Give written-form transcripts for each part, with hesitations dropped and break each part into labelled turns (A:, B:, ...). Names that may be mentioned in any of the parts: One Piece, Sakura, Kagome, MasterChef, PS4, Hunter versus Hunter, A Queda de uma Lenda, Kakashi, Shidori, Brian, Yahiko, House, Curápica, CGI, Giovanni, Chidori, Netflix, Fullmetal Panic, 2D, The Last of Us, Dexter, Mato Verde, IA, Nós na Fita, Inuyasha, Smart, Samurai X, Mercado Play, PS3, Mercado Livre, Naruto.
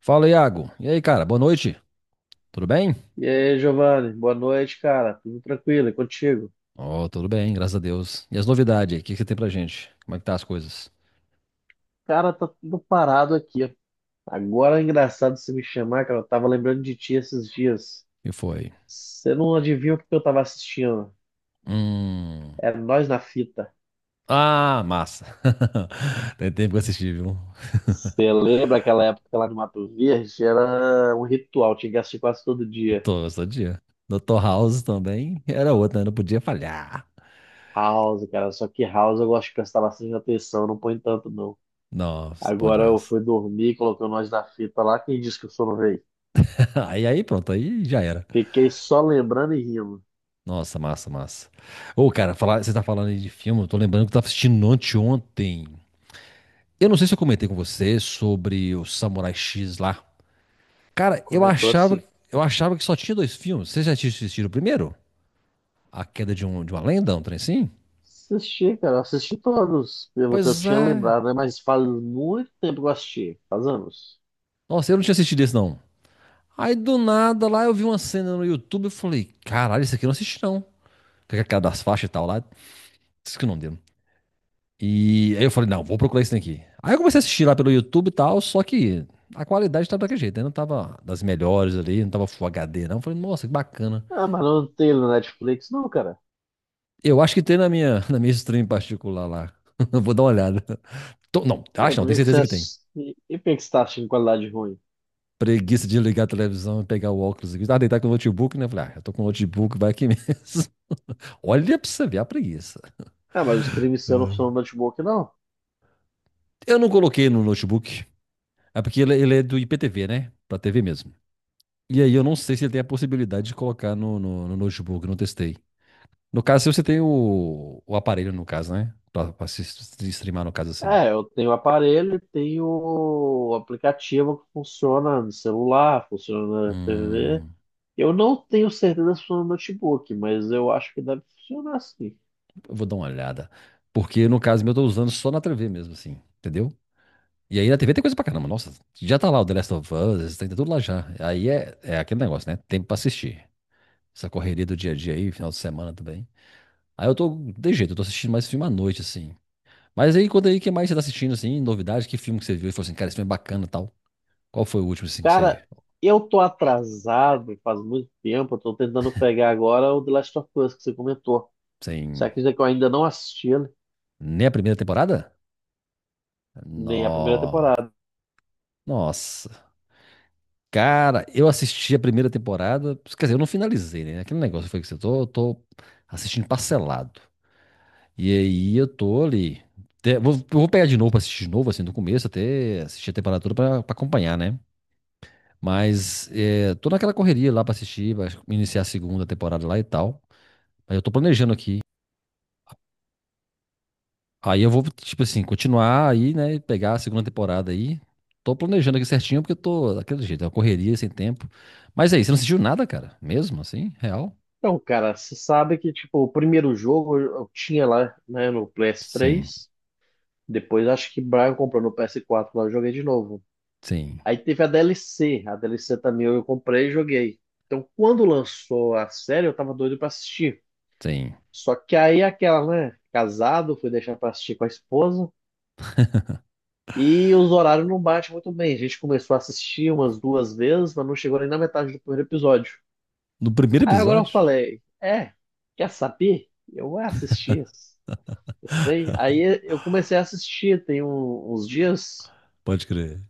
A: Fala, Iago. E aí, cara? Boa noite. Tudo bem?
B: E aí, Giovanni, boa noite, cara. Tudo tranquilo? E contigo?
A: Ó, tudo bem, graças a Deus. E as novidades aí? O que que você tem pra gente? Como é que tá as coisas?
B: Cara, tá tudo parado aqui. Agora é engraçado você me chamar, cara. Eu tava lembrando de ti esses dias.
A: E foi?
B: Você não adivinha o que eu tava assistindo?
A: Hum.
B: Era Nós na Fita.
A: Ah, massa. Tem tempo que eu assisti, viu?
B: Você lembra aquela época lá no Mato Verde? Era um ritual, tinha que assistir quase todo dia.
A: Tô, todo dia. Dr. House também era outra, né? Não podia falhar.
B: House, cara. Só que House eu gosto de prestar bastante atenção, não põe tanto não.
A: Nossa, bom
B: Agora eu
A: demais.
B: fui dormir, coloquei o Nós na Fita lá. Quem disse que o sono veio?
A: Aí, aí, pronto, aí já era.
B: Fiquei só lembrando e rindo.
A: Nossa, massa, massa. Ô, cara, falar, você tá falando aí de filme, eu tô lembrando que eu tava assistindo anteontem. Eu não sei se eu comentei com você sobre o Samurai X lá. Cara,
B: Comentou assim.
A: eu achava que só tinha dois filmes. Vocês já tinham assistido o primeiro? A Queda de, de uma Lenda, um trem assim?
B: Assisti, cara, assisti todos, pelo que eu
A: Pois
B: tinha
A: é.
B: lembrado, né? Mas faz muito tempo que eu assisti, faz anos.
A: Nossa, eu não tinha assistido esse, não. Aí do nada lá eu vi uma cena no YouTube e falei, caralho, isso aqui eu não assisti, não. Com aquela das faixas e tal lá. Isso que não deu. E aí eu falei, não, vou procurar isso daqui. Aí eu comecei a assistir lá pelo YouTube e tal, só que a qualidade tava daquele jeito, né? Não tava das melhores ali, não tava Full HD, não. Eu falei, nossa, que bacana.
B: Ah, mas não tem no Netflix, não, cara.
A: Eu acho que tem na minha, na minha stream particular lá. Vou dar uma olhada. Não,
B: É,
A: acho não,
B: por
A: tenho
B: que que você
A: certeza que tem.
B: assisti... E por que que você tá assistindo qualidade ruim?
A: Preguiça de ligar a televisão e pegar o óculos aqui. Ah, deitar com o notebook, né? Falei, ah, eu tô com o notebook, vai aqui mesmo. Olha pra você ver a preguiça.
B: Ah, mas o stream seu não funciona no notebook, não.
A: Eu não coloquei no notebook, é porque ele é do IPTV, né? Pra TV mesmo. E aí eu não sei se ele tem a possibilidade de colocar no notebook, não testei. No caso, se você tem o aparelho, no caso, né? Pra se streamar, no caso, assim.
B: É, eu tenho o aparelho e tenho o aplicativo que funciona no celular, funciona na TV.
A: Hum,
B: Eu não tenho certeza se funciona no notebook, mas eu acho que deve funcionar, sim.
A: eu vou dar uma olhada. Porque no caso meu, eu tô usando só na TV mesmo, assim. Entendeu? E aí na TV tem coisa pra caramba. Nossa, já tá lá o The Last of Us, tem tudo lá já. Aí é, é aquele negócio, né? Tempo pra assistir. Essa correria do dia a dia aí, final de semana também. Aí eu tô, de jeito, eu tô assistindo mais filme à noite, assim. Mas aí, quando aí, o que mais você tá assistindo, assim, novidade? Que filme que você viu e falou assim, cara, esse filme é bacana e tal? Qual foi o último, assim, que você...
B: Cara, eu tô atrasado faz muito tempo. Eu tô tentando pegar agora o The Last of Us que você comentou. Só
A: Sem...
B: que eu ainda não assisti ele,
A: Nem a primeira temporada?
B: nem a primeira
A: No...
B: temporada.
A: Nossa. Cara, eu assisti a primeira temporada... Quer dizer, eu não finalizei, né? Aquele negócio foi que você... Tô assistindo parcelado. E aí eu tô ali. Te- Vou, vou pegar de novo pra assistir de novo, assim, do começo, até assistir a temporada toda pra acompanhar, né? Mas é, tô naquela correria lá pra assistir, pra iniciar a segunda temporada lá e tal. Mas eu tô planejando aqui. Aí eu vou, tipo assim, continuar aí, né? E pegar a segunda temporada aí. Tô planejando aqui certinho, porque eu tô daquele jeito, é uma correria sem tempo. Mas aí, você não assistiu nada, cara? Mesmo assim? Real?
B: Então, cara, você sabe que, tipo, o primeiro jogo eu tinha lá, né, no
A: Sim,
B: PS3. Depois acho que Brian comprou no PS4 lá, eu joguei de novo.
A: sim,
B: Aí teve a DLC. A DLC também eu comprei e joguei. Então, quando lançou a série, eu tava doido pra assistir.
A: sim.
B: Só que aí aquela, né, casado, fui deixar pra assistir com a esposa. E os horários não batem muito bem. A gente começou a assistir umas duas vezes, mas não chegou nem na metade do primeiro episódio.
A: No primeiro
B: Aí agora eu
A: episódio?
B: falei, é, quer saber? Eu vou assistir esse trem. Aí eu comecei a assistir tem uns dias.
A: Pode crer.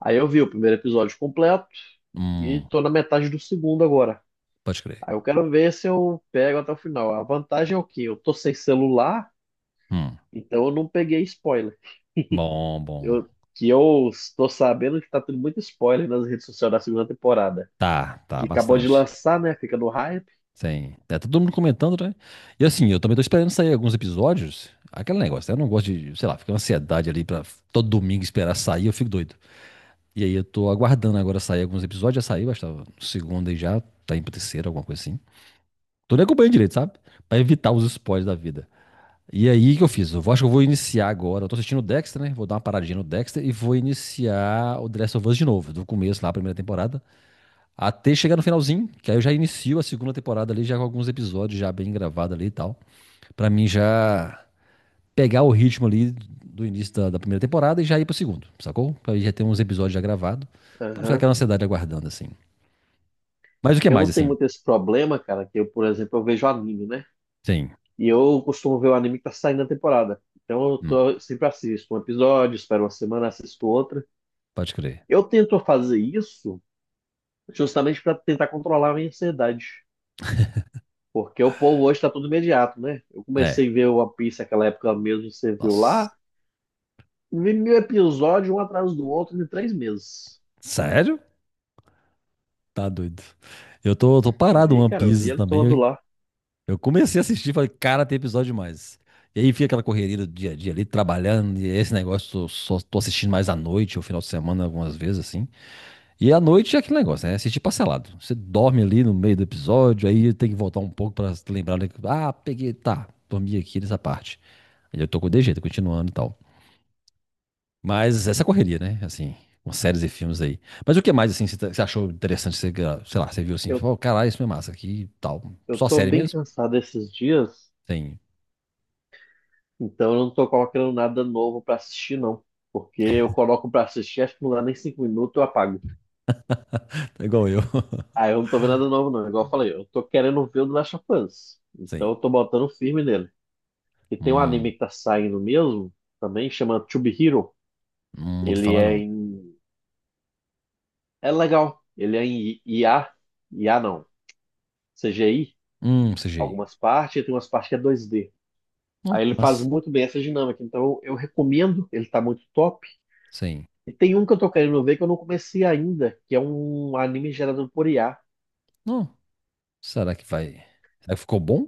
B: Aí eu vi o primeiro episódio completo e
A: Hum,
B: tô na metade do segundo agora.
A: pode crer.
B: Aí eu quero ver se eu pego até o final. A vantagem é o quê? Eu tô sem celular,
A: Hum.
B: então eu não peguei spoiler.
A: Bom, bom.
B: Eu, que eu estou sabendo que tá tendo muito spoiler nas redes sociais da segunda temporada
A: Tá, tá,
B: que acabou de
A: bastante.
B: lançar, né? Fica no hype.
A: Sim. Tá todo mundo comentando, né? E assim, eu também tô esperando sair alguns episódios. Aquele negócio, né? Eu não gosto de, sei lá, fica uma ansiedade ali pra todo domingo esperar sair, eu fico doido. E aí eu tô aguardando agora sair alguns episódios. Já saiu, acho que tava no segundo aí já, tá indo pro terceiro, alguma coisa assim. Tô nem acompanhando direito, sabe? Pra evitar os spoilers da vida. E aí, o que eu fiz? Acho que eu vou iniciar agora. Eu tô assistindo o Dexter, né? Vou dar uma paradinha no Dexter e vou iniciar o The Last of Us de novo, do começo lá, a primeira temporada. Até chegar no finalzinho, que aí eu já inicio a segunda temporada ali, já com alguns episódios já bem gravados ali e tal. Pra mim já pegar o ritmo ali do início da primeira temporada e já ir pro segundo, sacou? Pra aí já ter uns episódios já gravados, pra não ficar
B: Aham.
A: aquela ansiedade aguardando, assim. Mas o que
B: Eu
A: mais,
B: não tenho
A: assim?
B: muito esse problema, cara, que eu, por exemplo, eu vejo anime, né?
A: Sim,
B: E eu costumo ver o anime que tá saindo na temporada. Então eu
A: hum,
B: tô, sempre assisto um episódio, espero uma semana, assisto outra.
A: pode crer.
B: Eu tento fazer isso justamente para tentar controlar a minha ansiedade. Porque o povo hoje tá tudo imediato, né? Eu
A: É,
B: comecei a ver o One Piece naquela época mesmo, você viu
A: nossa.
B: lá. Vi 1.000 episódios, um atrás do outro, em 3 meses.
A: Sério? Tá doido. Eu tô, tô parado no
B: Vi,
A: One
B: cara, eu vi
A: Piece
B: ele todo
A: também.
B: lá.
A: Eu comecei a assistir, falei, cara, tem episódio demais. E aí fica aquela correria do dia a dia ali, trabalhando, e esse negócio, eu só tô assistindo mais à noite, ou final de semana, algumas vezes, assim. E à noite é aquele negócio, né? É assistir parcelado. Você dorme ali no meio do episódio, aí tem que voltar um pouco pra se lembrar, né? Ah, peguei, tá, dormi aqui nessa parte. Aí eu tô com de jeito, continuando e tal. Mas essa correria, né? Assim, com séries e filmes aí. Mas o que mais, assim, você achou interessante? Você, ah, sei lá, você viu assim, tipo,
B: Eu,
A: oh, caralho, isso é massa aqui e tal.
B: eu
A: Só
B: tô
A: série
B: bem
A: mesmo?
B: cansado esses dias.
A: Sim.
B: Então eu não tô colocando nada novo pra assistir, não. Porque eu coloco pra assistir, acho que não dá nem 5 minutos, eu apago.
A: É igual eu.
B: Aí eu não tô vendo nada novo, não. Igual eu falei, eu tô querendo ver o do Last of Us.
A: Sim.
B: Então eu tô botando firme nele. E tem um
A: Hum,
B: anime que tá saindo mesmo, também, chama To Be Hero.
A: não ouvi
B: Ele
A: falar
B: é
A: não.
B: em. É legal. Ele é em IA. IA não. CGI,
A: CGI.
B: algumas partes, e tem umas partes que é 2D.
A: Ó,
B: Aí
A: que
B: ele faz
A: massa.
B: muito bem essa dinâmica. Então eu recomendo, ele tá muito top.
A: Sim.
B: E tem um que eu tô querendo ver que eu não comecei ainda, que é um anime gerado por IA.
A: Ó, será que vai? Será que ficou bom?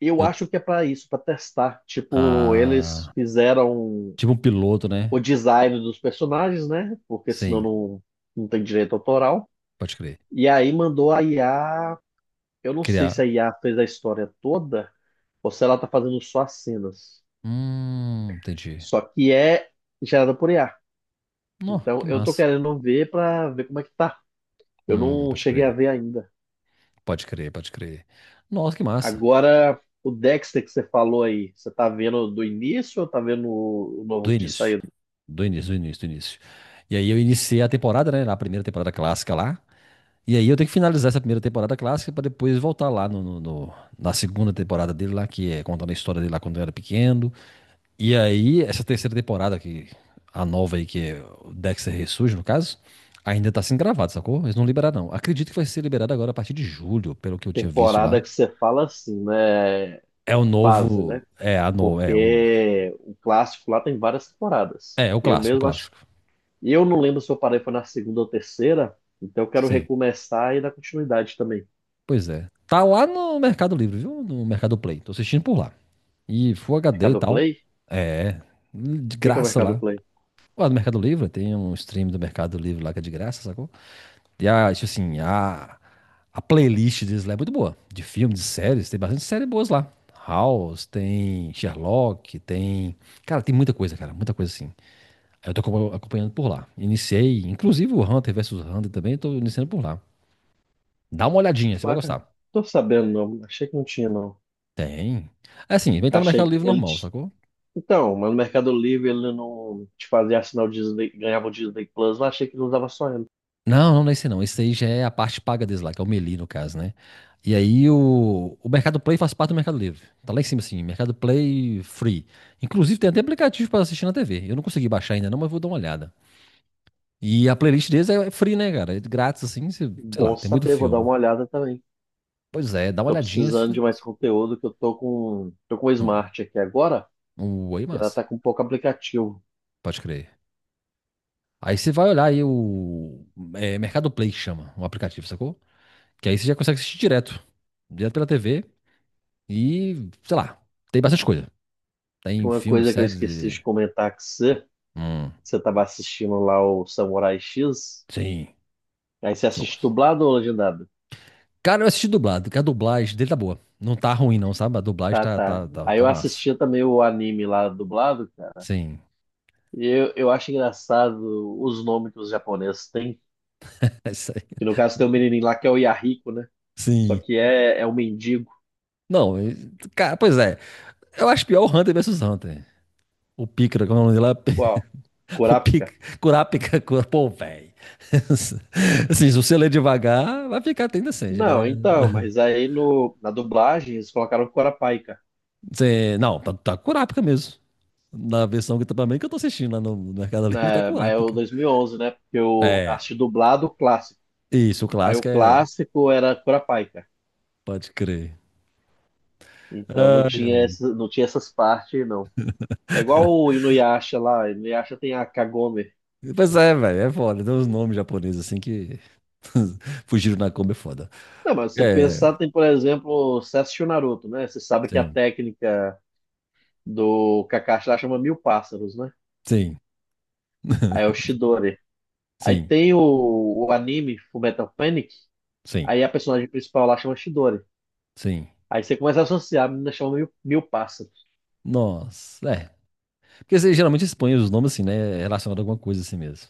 B: Eu
A: Eu...
B: acho que é pra isso, pra testar. Tipo, eles
A: Ah,
B: fizeram
A: tipo um piloto, né?
B: o design dos personagens, né? Porque senão
A: Sim,
B: não tem direito autoral.
A: pode crer.
B: E aí mandou a IA. Eu não sei se
A: Criar.
B: a IA fez a história toda ou se ela tá fazendo só as cenas.
A: Entendi.
B: Só que é gerada por IA.
A: Ó,
B: Então
A: que
B: eu tô
A: massa.
B: querendo ver pra ver como é que tá. Eu não
A: Pode
B: cheguei a
A: crer.
B: ver ainda.
A: Pode crer, pode crer. Nossa, que massa.
B: Agora, o Dexter que você falou aí, você tá vendo do início ou tá vendo o novo
A: Do
B: que tinha
A: início.
B: saído?
A: Do início, do início, do início. E aí eu iniciei a temporada, né? Na primeira temporada clássica lá. E aí eu tenho que finalizar essa primeira temporada clássica pra depois voltar lá na segunda temporada dele lá, que é contando a história dele lá quando eu era pequeno. E aí, essa terceira temporada, que a nova aí, que é o Dexter Ressurge, no caso, ainda tá sendo gravado, sacou? Eles não liberaram, não. Acredito que vai ser liberado agora a partir de julho, pelo que eu tinha visto
B: Temporada
A: lá.
B: que você fala assim, né?
A: É o
B: Fase, né?
A: novo. É, a no... é o novo.
B: Porque o clássico lá tem várias temporadas.
A: É, o
B: Eu
A: clássico, o
B: mesmo acho.
A: clássico.
B: Eu não lembro se eu parei foi na segunda ou terceira, então eu quero
A: Sim,
B: recomeçar e dar continuidade também.
A: pois é. Tá lá no Mercado Livre, viu? No Mercado Play. Tô assistindo por lá. E Full HD e
B: Mercado
A: tal.
B: Play? O
A: É, de
B: que que é o
A: graça
B: Mercado
A: lá.
B: Play?
A: Lá do Mercado Livre, tem um stream do Mercado Livre lá que é de graça, sacou? E a, tipo assim, a playlist deles lá é muito boa. De filmes, de séries, tem bastante séries boas lá. House, tem Sherlock, tem. Cara, tem muita coisa, cara, muita coisa assim. Aí eu tô acompanhando por lá. Iniciei, inclusive o Hunter versus Hunter também, eu tô iniciando por lá. Dá uma olhadinha, você vai
B: Ué, cara,
A: gostar.
B: tô sabendo, não. Achei que não tinha, não.
A: Tem. É assim, vem estar no Mercado
B: Achei.
A: Livre
B: Ele.
A: normal, sacou?
B: Então, mas no Mercado Livre ele não te fazia assinar o Disney, ganhava o Disney Plus, mas achei que não usava só ele.
A: Não, não, não é esse não. Esse aí já é a parte paga deles lá, que é o Meli, no caso, né? E aí o Mercado Play faz parte do Mercado Livre. Tá lá em cima, assim, Mercado Play Free. Inclusive tem até aplicativo pra assistir na TV. Eu não consegui baixar ainda não, mas vou dar uma olhada. E a playlist deles é free, né, cara? É grátis, assim, sei lá,
B: Bom
A: tem muito
B: saber, vou dar
A: filme.
B: uma olhada também.
A: Pois é, dá uma
B: Tô
A: olhadinha.
B: precisando de mais conteúdo que eu tô com o
A: Hum,
B: Smart aqui agora,
A: um oi,
B: e ela
A: massa.
B: tá com um pouco aplicativo.
A: Pode crer. Aí você vai olhar aí o Mercado Play que chama, o aplicativo, sacou? Que aí você já consegue assistir direto. Direto pela TV e, sei lá, tem bastante coisa. Tem
B: Uma
A: filmes,
B: coisa que eu
A: séries
B: esqueci
A: e.
B: de comentar que você,
A: Hum,
B: você tava assistindo lá o Samurai X,
A: sim,
B: aí você assiste
A: gosto.
B: dublado ou legendado?
A: Cara, eu assisti dublado, que a dublagem dele tá boa. Não tá ruim, não, sabe? A dublagem
B: Tá,
A: tá,
B: tá.
A: tá, tá,
B: Aí
A: tá
B: eu
A: massa.
B: assistia também o anime lá dublado, cara,
A: Sim.
B: e eu acho engraçado os nomes que os japoneses têm.
A: É isso aí.
B: Que no caso tem um menininho lá que é o Yahiko, né? Só
A: Sim.
B: que é um mendigo.
A: Não, e- cara, pois é. Eu acho pior o Hunter versus Hunter. O Pícara, como é o nome dele
B: Qual?
A: lá? O Pic,
B: Kurapika?
A: Curápica, cura, pô, velho. Assim, se você ler devagar, vai ficar até indecente,
B: Não,
A: né?
B: então, mas aí no, na dublagem eles colocaram Kurapika.
A: Não, tá Curápica mesmo. Na versão que também que eu tô assistindo lá no Mercado Livre, tá
B: Né? Mas é o
A: Curápica.
B: 2011, né? Porque eu
A: É,
B: assisti dublado o clássico.
A: isso, o
B: Aí o
A: clássico é.
B: clássico era Kurapika.
A: Pode crer.
B: Então não
A: Ai,
B: tinha, não tinha essas partes, não. É igual o Inuyasha lá. Inuyasha tem a Kagome.
A: ai. Pois é, velho, é foda. Tem uns nomes japoneses assim que fugiram na Kombi é foda.
B: Não, mas se você
A: É,
B: pensar, tem, por exemplo, você assistiu Naruto, né? Você sabe que a
A: sim,
B: técnica do Kakashi lá chama mil pássaros, né?
A: sim,
B: Aí é o Chidori. Aí
A: sim,
B: tem o anime Fullmetal Panic,
A: sim,
B: aí a personagem principal lá chama Shidori.
A: sim.
B: Aí você começa a associar, a menina chama mil pássaros.
A: Nossa, é. Porque você geralmente expõe os nomes assim, né? Relacionado a alguma coisa assim mesmo.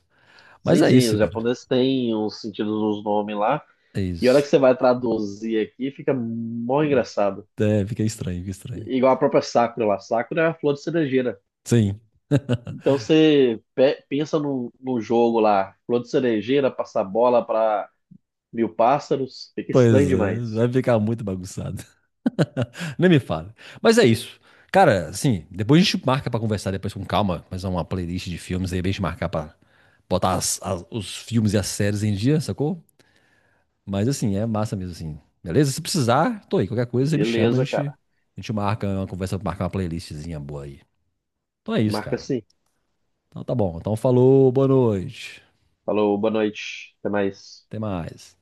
A: Mas
B: Sim,
A: é
B: sim,
A: isso,
B: os
A: cara.
B: japoneses têm os sentidos dos nomes lá.
A: É
B: E a hora
A: isso.
B: que você vai traduzir aqui, fica mó engraçado.
A: É, fica estranho, fica estranho.
B: Igual a própria Sakura lá. Sakura é a flor de cerejeira.
A: Sim,
B: Então você pensa num jogo lá, flor de cerejeira, passar bola para mil pássaros, fica estranho
A: pois é.
B: demais.
A: Vai ficar muito bagunçado. Nem me fala. Mas é isso. Cara, assim, depois a gente marca pra conversar depois com calma, mas é uma playlist de filmes aí, é bem de marcar pra botar os filmes e as séries em dia, sacou? Mas assim, é massa mesmo, assim. Beleza? Se precisar, tô aí. Qualquer coisa, você me chama,
B: Beleza, cara.
A: a gente marca uma conversa, marca uma playlistzinha boa aí. Então é isso,
B: Marca
A: cara.
B: assim.
A: Então tá bom. Então falou, boa noite.
B: Falou, boa noite. Até mais.
A: Até mais.